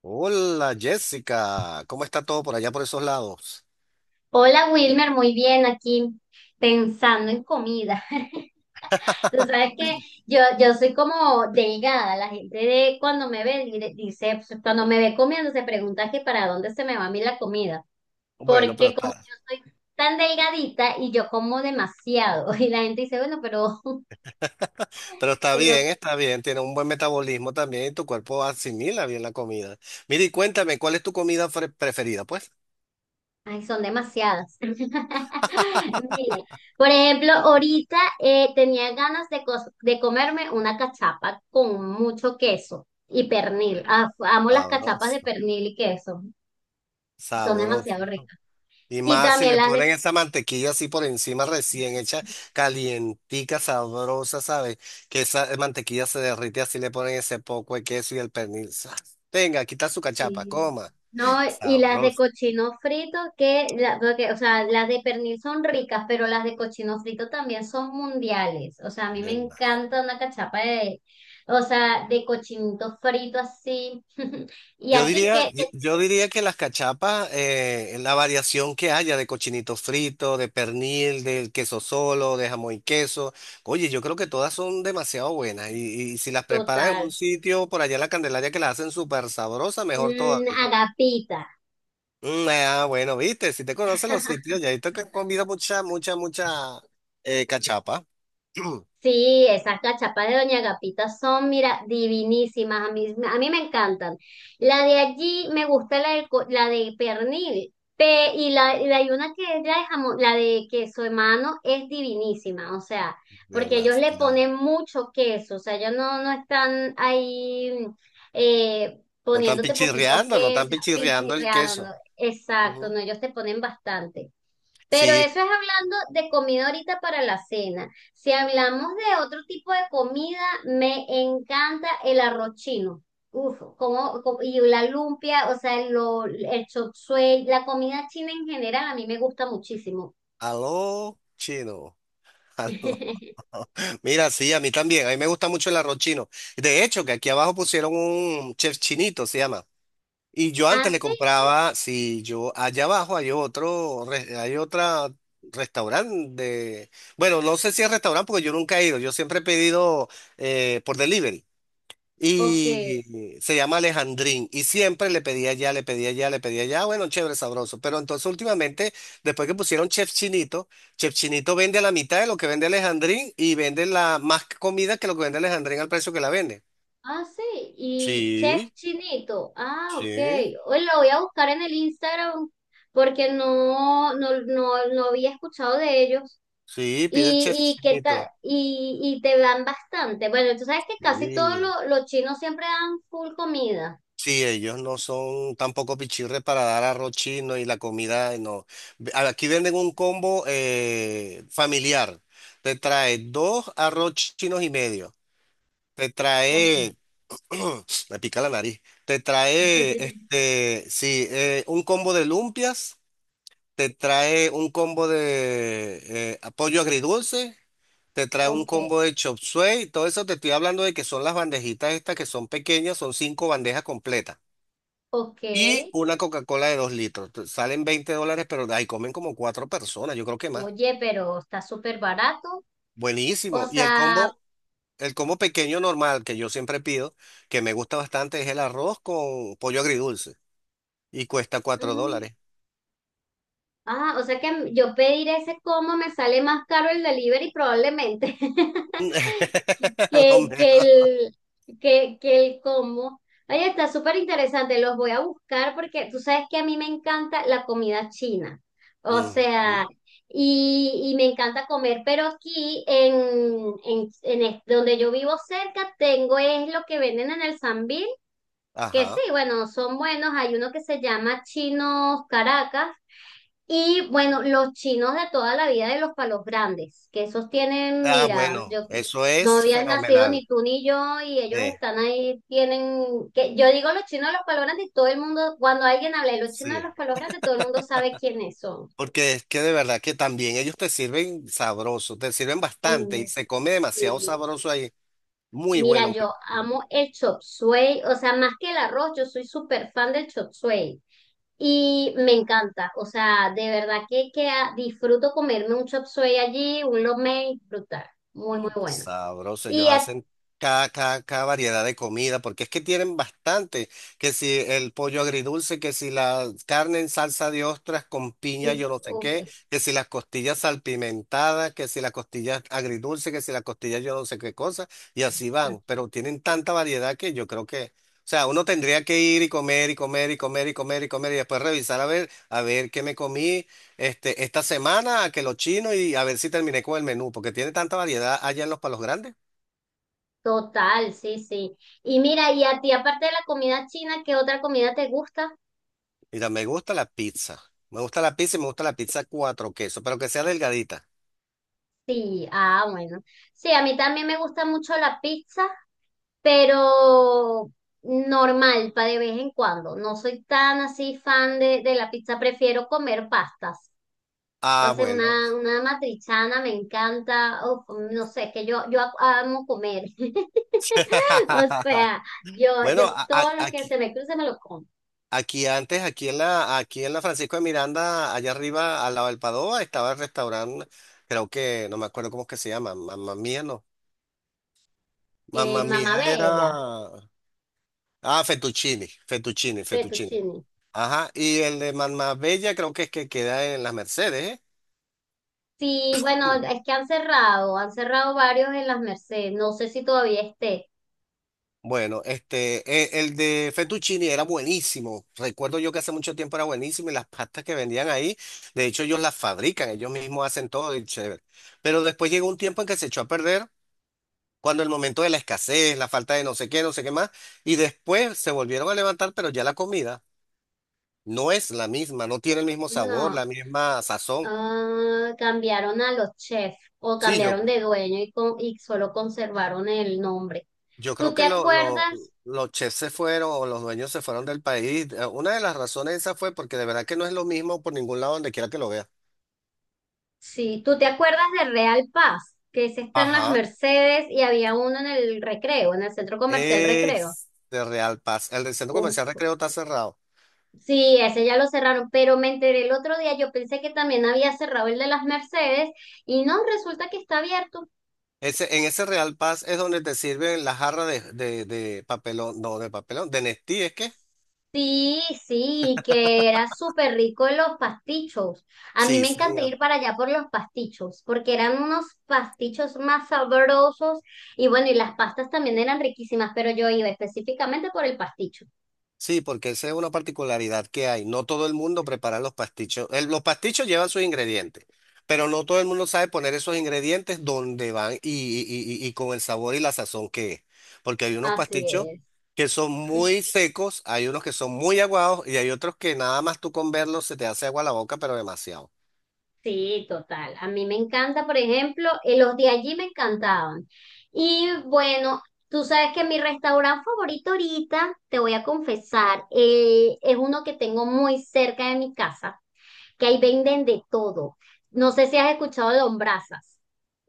Hola Jessica, ¿cómo está todo por allá por esos lados? Hola Wilmer, muy bien aquí pensando en comida. Tú sabes que yo soy como delgada, la gente de cuando me ve dice, pues, cuando me ve comiendo se pregunta que para dónde se me va a mí la comida, Bueno, porque como yo soy tan delgadita y yo como demasiado y la gente dice, bueno, pero, pero pero está bien, tiene un buen metabolismo también y tu cuerpo asimila bien la comida. Mira y cuéntame, ¿cuál es tu comida preferida, pues? Ay, son demasiadas. Mira, por ejemplo, ahorita tenía ganas de comerme una cachapa con mucho queso y pernil. Ah, amo las cachapas de Sabrosa, pernil y queso, son demasiado sabrosa, ¿no? ricas. Y Y más si también le las de ponen esa mantequilla así por encima recién hecha, calientica, sabrosa, ¿sabes? Que esa mantequilla se derrite así le ponen ese poco de queso y el pernil. ¡Zas! Venga, quita su cachapa, Sí. coma. No, y las de Sabroso. cochino frito, que, porque, o sea, las de pernil son ricas, pero las de cochino frito también son mundiales. O sea, a mí me encanta una cachapa de, o sea, de cochinito frito así. ¿Y Yo a ti diría, qué? yo yo diría que las cachapas, la variación que haya de cochinito frito, de pernil, del queso solo, de jamón y queso, oye, yo creo que todas son demasiado buenas. Y si las preparas en Total. un sitio por allá en la Candelaria que las hacen súper sabrosas, mejor Mm, todavía. agapita. Mm, ah, bueno, viste, si te conoces los sitios, ya visto que has comido mucha, mucha, mucha cachapa. Sí, esas cachapas de Doña Agapita son, mira, divinísimas. A mí me encantan. La de allí me gusta la de pernil. Hay una que es la de jamón, la de queso de mano es divinísima. O sea, porque ellos le Demasiado. ponen mucho queso. O sea, ellos no están ahí No están poniéndote poquito pichirreando, no están queso, pichirreando el pichirreando. queso. Exacto, Ujú. no, ellos te ponen bastante. Pero Sí, eso es hablando de comida ahorita para la cena. Si hablamos de otro tipo de comida, me encanta el arroz chino. Uf, y la lumpia, o sea, el chop suey, la comida china en general a mí me gusta muchísimo. aló, chino. Aló. Mira, sí, a mí también. A mí me gusta mucho el arroz chino. De hecho, que aquí abajo pusieron un chef chinito, se llama. Y yo ¿Ah, antes le sí? compraba, si yo allá abajo hay otra restaurante de, bueno, no sé si es restaurante porque yo nunca he ido. Yo siempre he pedido por delivery. Ok. Y se llama Alejandrín. Y siempre le pedía ya, le pedía ya, le pedía ya. Bueno, chévere, sabroso. Pero entonces últimamente, después que pusieron Chef Chinito, Chef Chinito vende a la mitad de lo que vende Alejandrín y vende la más comida que lo que vende Alejandrín al precio que la vende. Ah, sí. Y Chef Sí, Chinito. Ah, ok. sí, Hoy lo voy a buscar en el Instagram porque no había escuchado de ellos. sí, pide Chef Y, y, que Chinito. ta- y, y te dan bastante. Bueno, tú sabes que casi todos Sí. Los chinos siempre dan full comida. Sí, ellos no son tampoco pichirres para dar arroz chino y la comida, no. Aquí venden un combo familiar. Te trae dos arroz chinos y medio. Te Ok. trae, me pica la nariz. Te trae, sí, un combo de lumpias. Te trae un combo de pollo agridulce. Te trae un Ok, combo de chop suey. Todo eso te estoy hablando de que son las bandejitas estas que son pequeñas, son cinco bandejas completas. ok. Y una Coca-Cola de 2 litros. Salen $20, pero ahí comen como cuatro personas, yo creo que más. Oye, pero está súper barato. O Buenísimo. Y el sea, combo, el combo pequeño normal que yo siempre pido, que me gusta bastante, es el arroz con pollo agridulce. Y cuesta cuatro mm, dólares. ah, o sea que yo pedir ese como me sale más caro el delivery probablemente. A lo que, que mejor. el, que el cómo. Oye, está súper interesante, los voy a buscar porque tú sabes que a mí me encanta la comida china. O Ujú. sea, y me encanta comer, pero aquí donde yo vivo cerca tengo es lo que venden en el Sambil, que sí, Ajá. bueno, son buenos. Hay uno que se llama Chinos Caracas, y bueno, los chinos de toda la vida de los palos grandes, que esos tienen, Ah, mira, bueno, yo eso no es habías nacido ni fenomenal. tú ni yo y ellos Eh, están ahí, tienen, que yo digo los chinos de los palos grandes, y todo el mundo, cuando alguien habla de los chinos de sí. los palos grandes, todo el mundo sabe quiénes son. Porque es que de verdad que también ellos te sirven sabroso, te sirven bastante y Uh, se come demasiado Sí. sabroso ahí. Muy Mira, bueno. yo amo el chop suey, o sea, más que el arroz, yo soy súper fan del chop suey y me encanta, o sea, de verdad que disfruto comerme un chop suey allí, un lo mein, brutal, muy, muy Mm. bueno. Sabroso, ellos Y a- hacen cada variedad de comida, porque es que tienen bastante, que si el pollo agridulce, que si la carne en salsa de ostras con piña, Uf, yo no sé ok, qué, que si las costillas salpimentadas, que si las costillas agridulce, que si las costillas yo no sé qué cosa, y así van, pero tienen tanta variedad que yo creo que, o sea, uno tendría que ir y comer y comer y comer y comer y comer y después revisar a ver qué me comí esta semana a que lo chino y a ver si terminé con el menú, porque tiene tanta variedad allá en los Palos Grandes. total, sí, sí. Y mira, y a ti, aparte de la comida china, ¿qué otra comida te gusta? Mira, me gusta la pizza. Me gusta la pizza y me gusta la pizza cuatro quesos, pero que sea delgadita. Sí, ah, bueno. Sí, a mí también me gusta mucho la pizza, pero normal, para de vez en cuando. No soy tan así fan de la pizza, prefiero comer pastas. Ah, Entonces, bueno. una matrichana me encanta, uf, no sé, es que yo amo comer. O sea, yo, Bueno, yo todo lo que aquí, se me cruce me lo como. aquí antes, aquí en la Francisco de Miranda, allá arriba, al lado del Padova, estaba el restaurante, creo que, no me acuerdo cómo es que se llama, Mamma Mía, no. Mamma Mía Mamabela, era. Ah, fettuccini, fettuccini, fettuccini. fettuccine. Ajá, y el de Bella creo que es que queda en las Mercedes, ¿eh? Sí, bueno, es que han cerrado varios en las Mercedes. No sé si todavía esté. Bueno, de fettuccine era buenísimo. Recuerdo yo que hace mucho tiempo era buenísimo y las pastas que vendían ahí, de hecho ellos las fabrican, ellos mismos hacen todo y chévere. Pero después llegó un tiempo en que se echó a perder, cuando el momento de la escasez, la falta de no sé qué, no sé qué más, y después se volvieron a levantar, pero ya la comida no es la misma, no tiene el mismo sabor, No, la misma sazón. ah, cambiaron a los chefs o Sí, yo cambiaron de dueño y solo conservaron el nombre. Yo creo ¿Tú te que acuerdas? los chefs se fueron o los dueños se fueron del país. Una de las razones esa fue porque de verdad que no es lo mismo por ningún lado donde quiera que lo veas. Sí, ¿tú te acuerdas de Real Paz? Que ese está en las Ajá. Mercedes y había uno en el Recreo, en el centro comercial Recreo. Es de Real Paz. El del centro comercial Uf, Recreo está cerrado. sí, ese ya lo cerraron, pero me enteré el otro día, yo pensé que también había cerrado el de las Mercedes y no, resulta que está abierto. Ese, en ese Real Paz es donde te sirven la jarra de, papelón, no, de papelón, de Nestí, ¿es que? Sí, sí, que era súper rico los pastichos. A mí Sí, me sí. encanta ir para allá por los pastichos, porque eran unos pastichos más sabrosos y bueno, y las pastas también eran riquísimas, pero yo iba específicamente por el pasticho. Sí, porque esa es una particularidad que hay. No todo el mundo prepara los pastichos. Los pastichos llevan sus ingredientes, pero no todo el mundo sabe poner esos ingredientes donde van y con el sabor y la sazón que es. Porque hay unos Así pastichos es. que son muy secos, hay unos que son muy aguados y hay otros que nada más tú con verlos se te hace agua la boca, pero demasiado. Sí, total. A mí me encanta, por ejemplo, los de allí me encantaban. Y bueno, tú sabes que mi restaurante favorito ahorita, te voy a confesar, es uno que tengo muy cerca de mi casa que ahí venden de todo. No sé si has escuchado Lombrazas.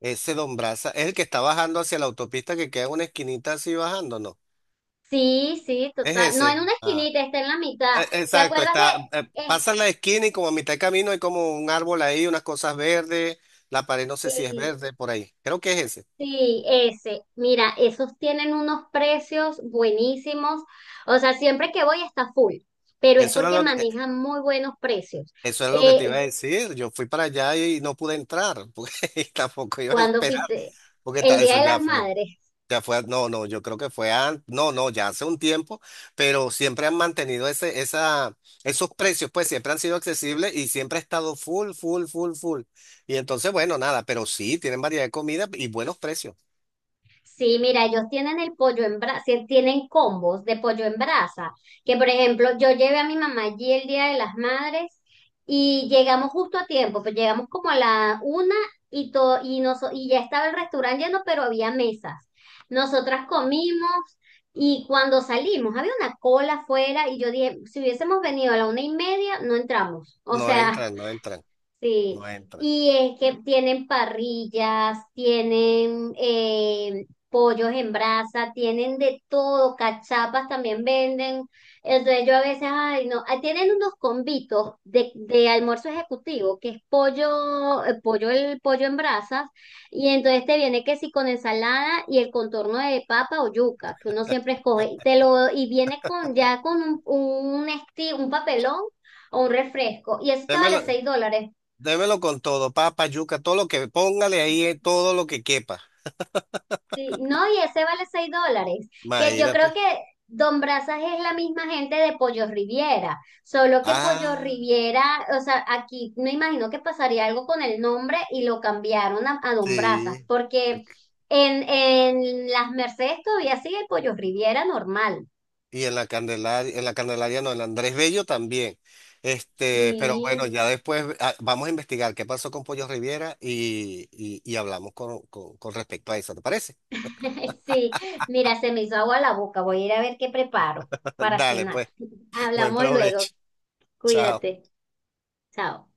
Ese Don Brasa es el que está bajando hacia la autopista que queda en una esquinita así bajando, ¿no? Sí, sí, Es total. No en ese. una Ah. esquinita, está en la mitad. ¿Te Exacto, acuerdas de...? Pasan la esquina y como a mitad de camino hay como un árbol ahí, unas cosas verdes, la pared no sé si es eh, verde por ahí, creo que es ese. sí, ese. Mira, esos tienen unos precios buenísimos. O sea, siempre que voy está full, pero es Eso era porque lo que, eh, manejan muy buenos precios. eso era lo que te iba Eh, a decir, yo fui para allá y no pude entrar, porque tampoco iba a Cuando esperar, fuiste, porque el eso Día de las Madres. ya fue, no, no, yo creo que fue antes, no, no, ya hace un tiempo, pero siempre han mantenido esos precios, pues siempre han sido accesibles y siempre ha estado full, full, full, full. Y entonces, bueno, nada, pero sí, tienen variedad de comida y buenos precios. Sí, mira, ellos tienen el pollo en brasa, tienen combos de pollo en brasa, que por ejemplo, yo llevé a mi mamá allí el Día de las Madres y llegamos justo a tiempo, pues llegamos como a la 1 y todo, y nos, y ya estaba el restaurante lleno, pero había mesas. Nosotras comimos y cuando salimos había una cola afuera y yo dije, si hubiésemos venido a la 1:30, no entramos. O No sea, entran, no entran, sí, no entran. y es que tienen parrillas, tienen pollos en brasa, tienen de todo, cachapas también venden. Entonces yo a veces, ay, no, ah, tienen unos convitos de almuerzo ejecutivo, que es pollo, el pollo en brasas, y entonces te viene que sí con ensalada y el contorno de papa o yuca, que uno siempre escoge, y te lo, y viene con ya con un papelón o un refresco. Y eso estaba Démelo, vale $6. démelo con todo, papa, yuca, todo lo que póngale ahí, todo lo que quepa. Sí, no, y ese vale $6, que yo creo Imagínate. que Don Brazas es la misma gente de Pollo Riviera, solo que Pollo Ah, Riviera, o sea, aquí me imagino que pasaría algo con el nombre y lo cambiaron a, Don Brazas, sí. porque en Las Mercedes todavía sigue Pollo Riviera normal. Y en la Candelaria no, en la Andrés Bello también. Pero bueno, Sí, ya después vamos a investigar qué pasó con Pollo Riviera y hablamos con respecto a eso, ¿te parece? sí, mira, se me hizo agua la boca, voy a ir a ver qué preparo para Dale, cenar. pues, buen Hablamos luego, provecho. Chao. cuídate, chao.